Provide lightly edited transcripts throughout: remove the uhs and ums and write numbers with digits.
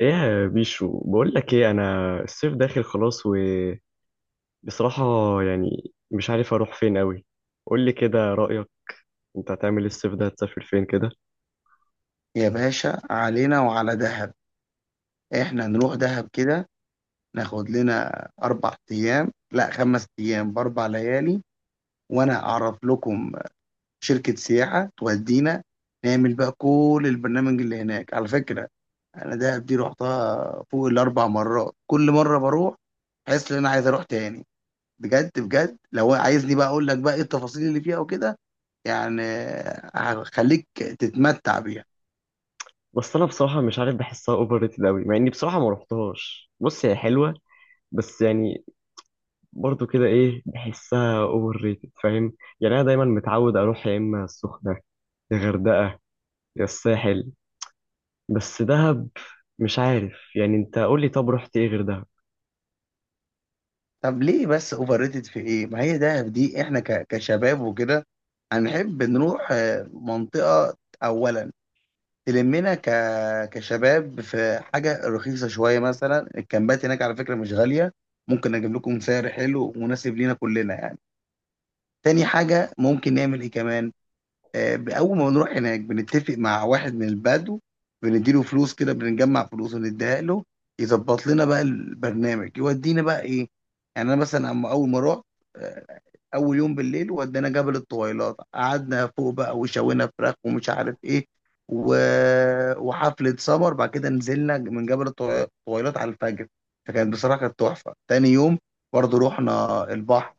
ايه يا بيشو، بقول لك ايه. انا الصيف داخل خلاص، وبصراحة يعني مش عارف اروح فين قوي. قول لي كده رأيك، انت هتعمل ايه الصيف ده؟ هتسافر فين كده؟ يا باشا علينا وعلى دهب. احنا نروح دهب كده، ناخد لنا 4 ايام، لا 5 ايام بـ4 ليالي. وانا اعرف لكم شركة سياحة تودينا، نعمل بقى كل البرنامج اللي هناك. على فكرة، انا دهب دي رحتها فوق الـ4 مرات، كل مرة بروح حاسس ان انا عايز اروح تاني، بجد بجد. لو عايزني بقى اقول لك بقى ايه التفاصيل اللي فيها وكده يعني، هخليك تتمتع بيها. بس انا بصراحة مش عارف، بحسها اوفر ريتد قوي، مع اني بصراحة ما رحتهاش. بص هي حلوة، بس يعني برضو كده ايه، بحسها اوفر ريتد، فاهم؟ يعني انا دايما متعود اروح يا اما السخنة، يا غردقة، يا الساحل. بس دهب مش عارف يعني. انت قول لي، طب رحت ايه غير دهب؟ طب ليه بس اوفر ريتد؟ في ايه؟ ما هي دهب دي احنا كشباب وكده هنحب نروح منطقة. اولا تلمنا كشباب في حاجة رخيصة شوية، مثلا الكامبات هناك على فكرة مش غالية. ممكن اجيب لكم سعر حلو مناسب لينا كلنا يعني. تاني حاجة، ممكن نعمل ايه كمان؟ اول ما بنروح هناك بنتفق مع واحد من البدو، بنديله فلوس، كده بنجمع فلوس ونديها له، يظبط لنا بقى البرنامج، يودينا بقى ايه. يعني انا مثلا اما اول ما رحت، آه، اول يوم بالليل ودانا جبل الطويلات، قعدنا فوق بقى وشوينا فراخ ومش عارف ايه، و... وحفلة سمر. بعد كده نزلنا من جبل الطويلات على الفجر، فكانت بصراحة كانت تحفة. تاني يوم برضه رحنا البحر،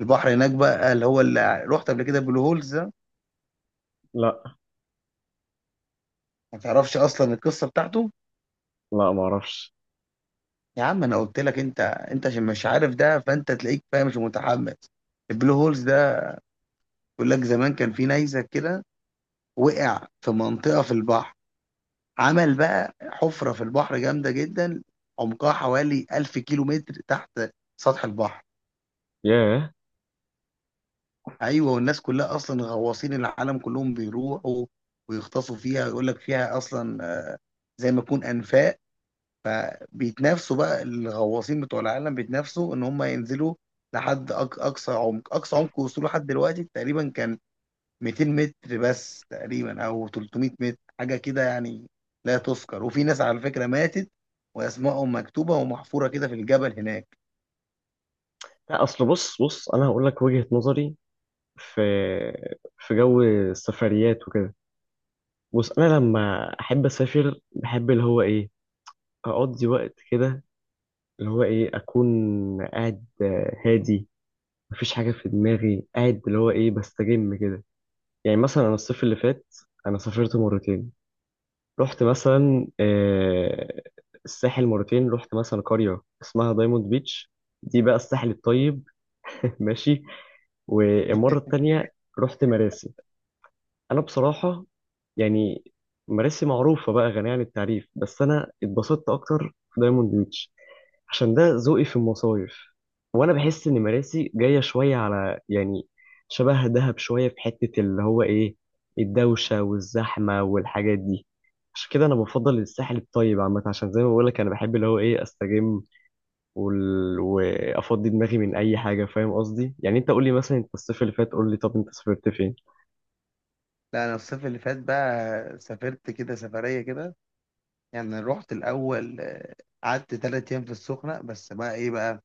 البحر هناك بقى اللي هو اللي رحت قبل كده، بلو هولز. لا، ما تعرفش اصلا القصه بتاعته؟ لا ما اعرفش. يا عم انا قلت لك، انت انت عشان مش عارف ده فانت تلاقيك فاهم مش متحمس. البلو هولز ده بيقول لك زمان كان في نيزك كده، وقع في منطقه في البحر، عمل بقى حفره في البحر جامده جدا، عمقها حوالي 1000 كيلو متر تحت سطح البحر. ياه. ايوه، والناس كلها اصلا غواصين العالم كلهم بيروحوا ويغطسوا فيها. يقول لك فيها اصلا زي ما يكون انفاق، فبيتنافسوا بقى الغواصين بتوع العالم، بيتنافسوا ان هم ينزلوا لحد اقصى عمق. اقصى عمق وصوله لحد دلوقتي تقريبا كان 200 متر بس تقريبا، او 300 متر حاجه كده يعني، لا تذكر. وفي ناس على فكره ماتت واسمائهم مكتوبه ومحفوره كده في الجبل هناك. لا اصل بص بص، انا هقول لك وجهة نظري في في جو السفريات وكده. بص، انا لما احب اسافر بحب اللي هو ايه، اقضي وقت كده، اللي هو ايه، اكون قاعد هادي، مفيش حاجة في دماغي، قاعد اللي هو ايه بستجم كده. يعني مثلا انا الصيف اللي فات انا سافرت مرتين. رحت مثلا الساحل مرتين، رحت مثلا قرية اسمها دايموند بيتش، دي بقى الساحل الطيب. ماشي. والمرة التانية رحت مراسي. انا بصراحه يعني مراسي معروفه بقى، غنيه عن التعريف، بس انا اتبسطت اكتر في دايموند بيتش، عشان ده ذوقي في المصايف. وانا بحس ان مراسي جايه شويه على، يعني شبه دهب شويه، في حته اللي هو ايه الدوشه والزحمه والحاجات دي. عشان كده انا بفضل الساحل الطيب عامه، عشان زي ما بقول لك انا بحب اللي هو ايه استجم، وافضي دماغي من اي حاجه، فاهم قصدي؟ يعني انت قول لي مثلا، انت الصيف اللي فات قول لي، طب انت سافرت فين؟ لا، انا الصيف اللي فات بقى سافرت كده سفريه كده. يعني رحت الاول، قعدت 3 ايام في السخنه بس. بقى ايه بقى،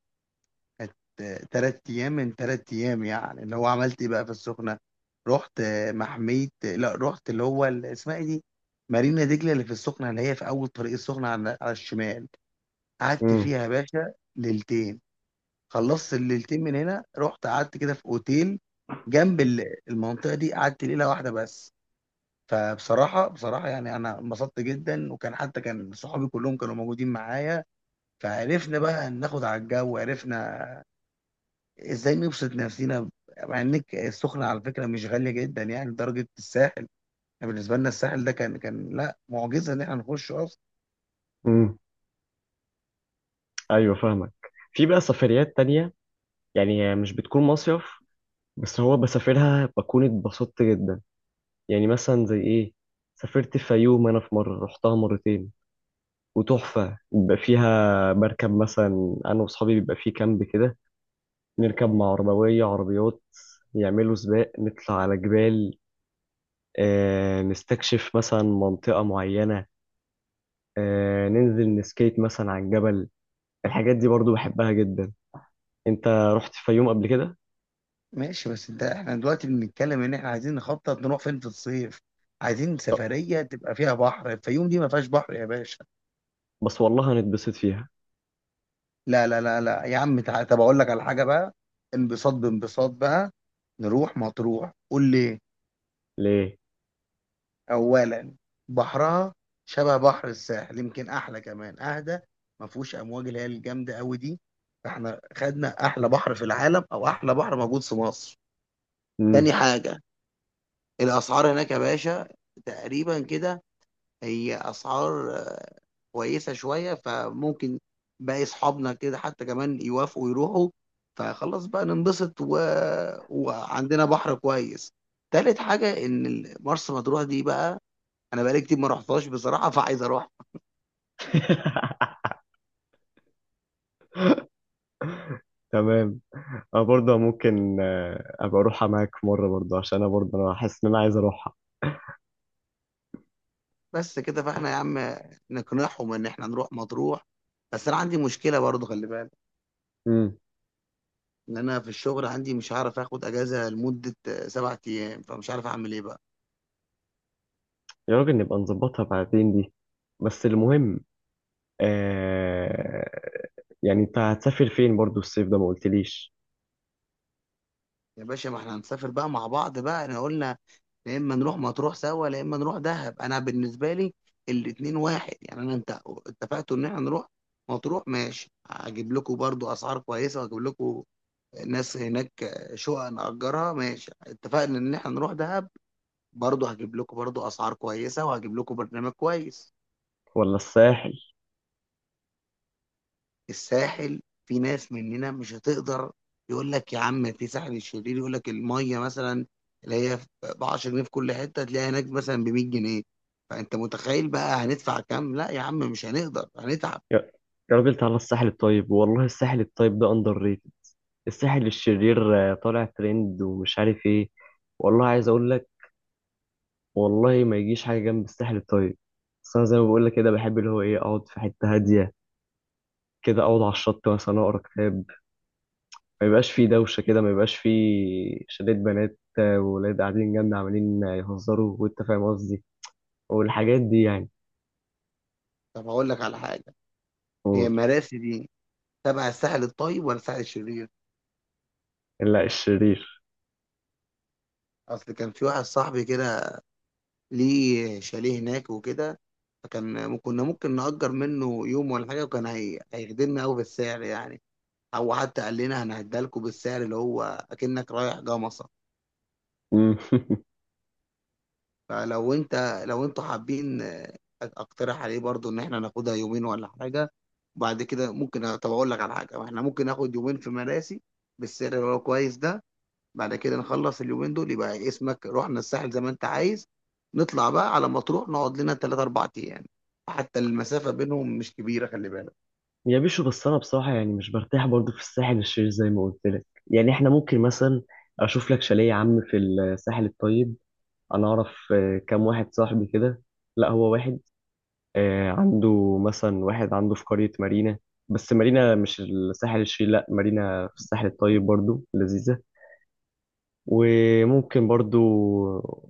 كانت 3 أيام، من 3 أيام يعني اللي هو عملت إيه بقى في السخنة. رحت محمية، لا رحت اللي هو اسمها إيه دي، مارينا دجلة، اللي في السخنة اللي هي في أول طريق السخنة على الشمال. قعدت امم. فيها يا باشا ليلتين. خلصت الليلتين، من هنا رحت قعدت كده في أوتيل جنب المنطقة دي، قعدت ليلة واحدة بس. فبصراحة يعني أنا انبسطت جدا، وكان حتى كان صحابي كلهم كانوا موجودين معايا، فعرفنا بقى ناخد على الجو، عرفنا ازاي نبسط نفسينا. مع ان السخنة على فكرة مش غالية جدا، يعني درجة الساحل. يعني بالنسبة لنا الساحل ده كان لا، معجزة ان احنا نخش اصلا. امم. ايوه فاهمك. في بقى سفريات تانية يعني مش بتكون مصيف، بس هو بسافرها بكون اتبسطت جدا. يعني مثلا زي ايه، سافرت الفيوم، انا في مرة رحتها مرتين، وتحفة. بيبقى فيها بركب مثلا انا واصحابي، بيبقى فيه كامب كده، نركب مع عربوية عربيات، يعملوا سباق، نطلع على جبال، آه نستكشف مثلا منطقة معينة، آه ننزل نسكيت مثلا على الجبل. الحاجات دي برضو بحبها جدا. انت رحت الفيوم قبل كده؟ ماشي، بس ده احنا دلوقتي بنتكلم ان احنا عايزين نخطط نروح فين في الصيف. عايزين سفرية تبقى فيها بحر. الفيوم دي ما فيهاش بحر يا باشا. بس والله هنتبسط فيها. لا لا لا لا يا عم، طب اقول لك على حاجة بقى، انبساط بانبساط بقى، نروح مطروح. قول لي. ليه. أولا، بحرها شبه بحر الساحل، يمكن أحلى كمان، أهدى، ما فيهوش أمواج اللي هي الجامدة أوي دي. فإحنا خدنا أحلى بحر في العالم، أو أحلى بحر موجود في مصر. تاني امم. حاجة، الأسعار هناك يا باشا تقريبا كده، هي أسعار كويسة شوية. فممكن باقي أصحابنا كده حتى كمان يوافقوا يروحوا، فخلاص بقى ننبسط وعندنا بحر كويس. تالت حاجة، إن مرسى مطروح دي بقى انا بقالي كتير ما رحتهاش بصراحه، فعايز اروح. تمام. انا برضه ممكن ابقى اروحها معاك مره برضه، عشان انا برضه انا حاسس ان انا عايز اروحها. بس كده فاحنا يا عم نقنعهم ان احنا نروح مطروح. بس انا عندي مشكله برضه، خلي بالك، امم. ان انا في الشغل عندي مش هعرف اخد اجازه لمده 7 ايام، فمش عارف اعمل ايه بقى. يا راجل نبقى نظبطها بعدين دي. بس المهم آه، يعني انت هتسافر فين برضه الصيف ده؟ ما قلتليش. يا باشا ما احنا هنسافر بقى مع بعض، بقى احنا قلنا يا اما نروح مطروح سوا يا اما نروح دهب. انا بالنسبه لي الاتنين واحد يعني. انا انت اتفقتوا ان احنا نروح مطروح، ماشي، هجيب لكم برضو اسعار كويسه، واجيب لكم ناس هناك، شقق نأجرها. ماشي، اتفقنا ان احنا نروح دهب، برضه هجيب لكم برضه اسعار كويسة، وهجيب لكم برنامج كويس. ولا الساحل؟ الساحل في ناس مننا مش هتقدر. يقول لك يا عم، في ساحل الشرير يقول لك المية مثلا اللي هي ب 10 جنيه في كل حتة، تلاقيها هناك مثلا ب 100 جنيه. فانت متخيل بقى هندفع كام؟ لا يا عم مش هنقدر، هنتعب. يا يا راجل تعالى الساحل الطيب، والله الساحل الطيب ده اندر ريتد. الساحل الشرير طالع ترند ومش عارف ايه. والله عايز اقول لك، والله ما يجيش حاجه جنب الساحل الطيب. بس انا زي ما بقول لك كده بحب اللي هو ايه اقعد في حته هاديه كده، اقعد على الشط مثلا، اقرا كتاب، ما يبقاش فيه دوشه كده، ما يبقاش فيه شلة بنات وولاد قاعدين جنبنا عمالين يهزروا، وانت فاهم قصدي، والحاجات دي يعني. طب هقول لك على حاجة. هي قول. مراسي دي تبع الساحل الطيب ولا الساحل الشرير؟ لا الشرير. اصل كان في واحد صاحبي كده ليه شاليه هناك وكده، فكان كنا ممكن نأجر منه يوم ولا حاجة، وكان هيخدمنا أوي بالسعر يعني. أو حتى قال لنا هنعدها لكم بالسعر اللي هو أكنك رايح جمصة. مم. فلو أنت، لو أنتوا حابين، أقترح عليه برضو إن إحنا ناخدها يومين ولا حاجة. وبعد كده ممكن، طب أقول لك على حاجة، إحنا ممكن ناخد يومين في مراسي بالسعر اللي هو كويس ده، بعد كده نخلص اليومين دول، يبقى اسمك رحنا الساحل زي ما انت عايز، نطلع بقى على مطروح نقعد لنا 3 4 ايام. حتى المسافة بينهم مش كبيرة، خلي بالك. يا بيشو، بس انا بصراحه يعني مش برتاح برضو في الساحل الشرير زي ما قلت لك. يعني احنا ممكن مثلا اشوف لك شاليه يا عم في الساحل الطيب. انا اعرف كام واحد صاحبي كده. لا هو واحد عنده، مثلا واحد عنده في قرية مارينا. بس مارينا مش الساحل الشرير، لا مارينا في الساحل الطيب برضو لذيذة. وممكن برضو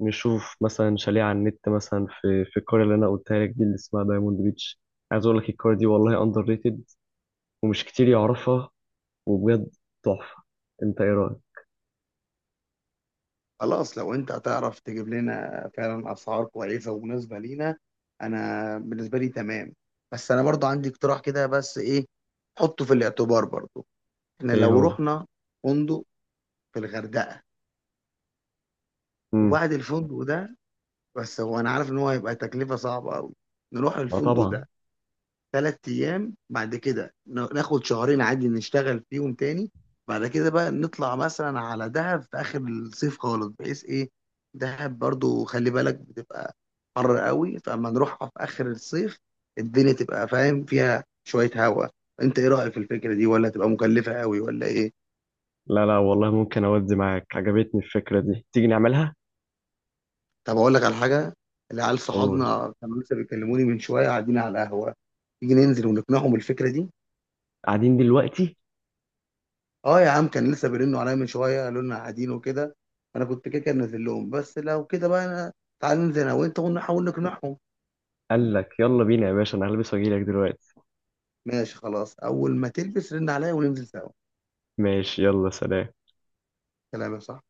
نشوف مثلا شاليه على النت، مثلا في القرية اللي أنا قلتها لك دي اللي اسمها دايموند بيتش. عايز أقول لك القرية دي والله أندر ريتد، ومش كتير يعرفها، وبجد تحفة. أنت إيه رأيك؟ خلاص، لو انت هتعرف تجيب لنا فعلا اسعار كويسة ومناسبة لينا، انا بالنسبة لي تمام. بس انا برضو عندي اقتراح كده، بس ايه، حطه في الاعتبار برضو. احنا إيه لو هو؟ رحنا فندق في الغردقة، مم. وبعد الفندق ده، بس هو انا عارف ان هو هيبقى تكلفة صعبة قوي، نروح ما الفندق طبعا. ده 3 ايام، بعد كده ناخد شهرين عادي نشتغل فيهم تاني. بعد كده بقى نطلع مثلا على دهب في اخر الصيف خالص، بحيث ايه، دهب برضو خلي بالك بتبقى حر قوي، فاما نروحها في اخر الصيف، الدنيا تبقى فاهم فيها شوية هواء. انت ايه رأيك في الفكرة دي، ولا تبقى مكلفة قوي ولا ايه؟ لا، لا والله ممكن أودي معاك، عجبتني الفكرة دي. تيجي نعملها؟ طب اقول لك على حاجة. العيال قول. صحابنا كانوا لسه بيكلموني من شوية، قاعدين على القهوة. تيجي ننزل ونقنعهم الفكرة دي؟ قاعدين دلوقتي؟ اه يا عم، كان لسه بيرنوا عليا من شويه، قالوا لنا قاعدين وكده. انا كنت كده كده نازل لهم، بس لو كده بقى، انا تعال ننزل انا وانت ونحاول نقنعهم. قال لك يلا بينا يا باشا، انا هلبس واجيلك دلوقتي. ماشي خلاص، اول ما تلبس رن عليا وننزل سوا. ماشي يلا سلام. كلامك صح.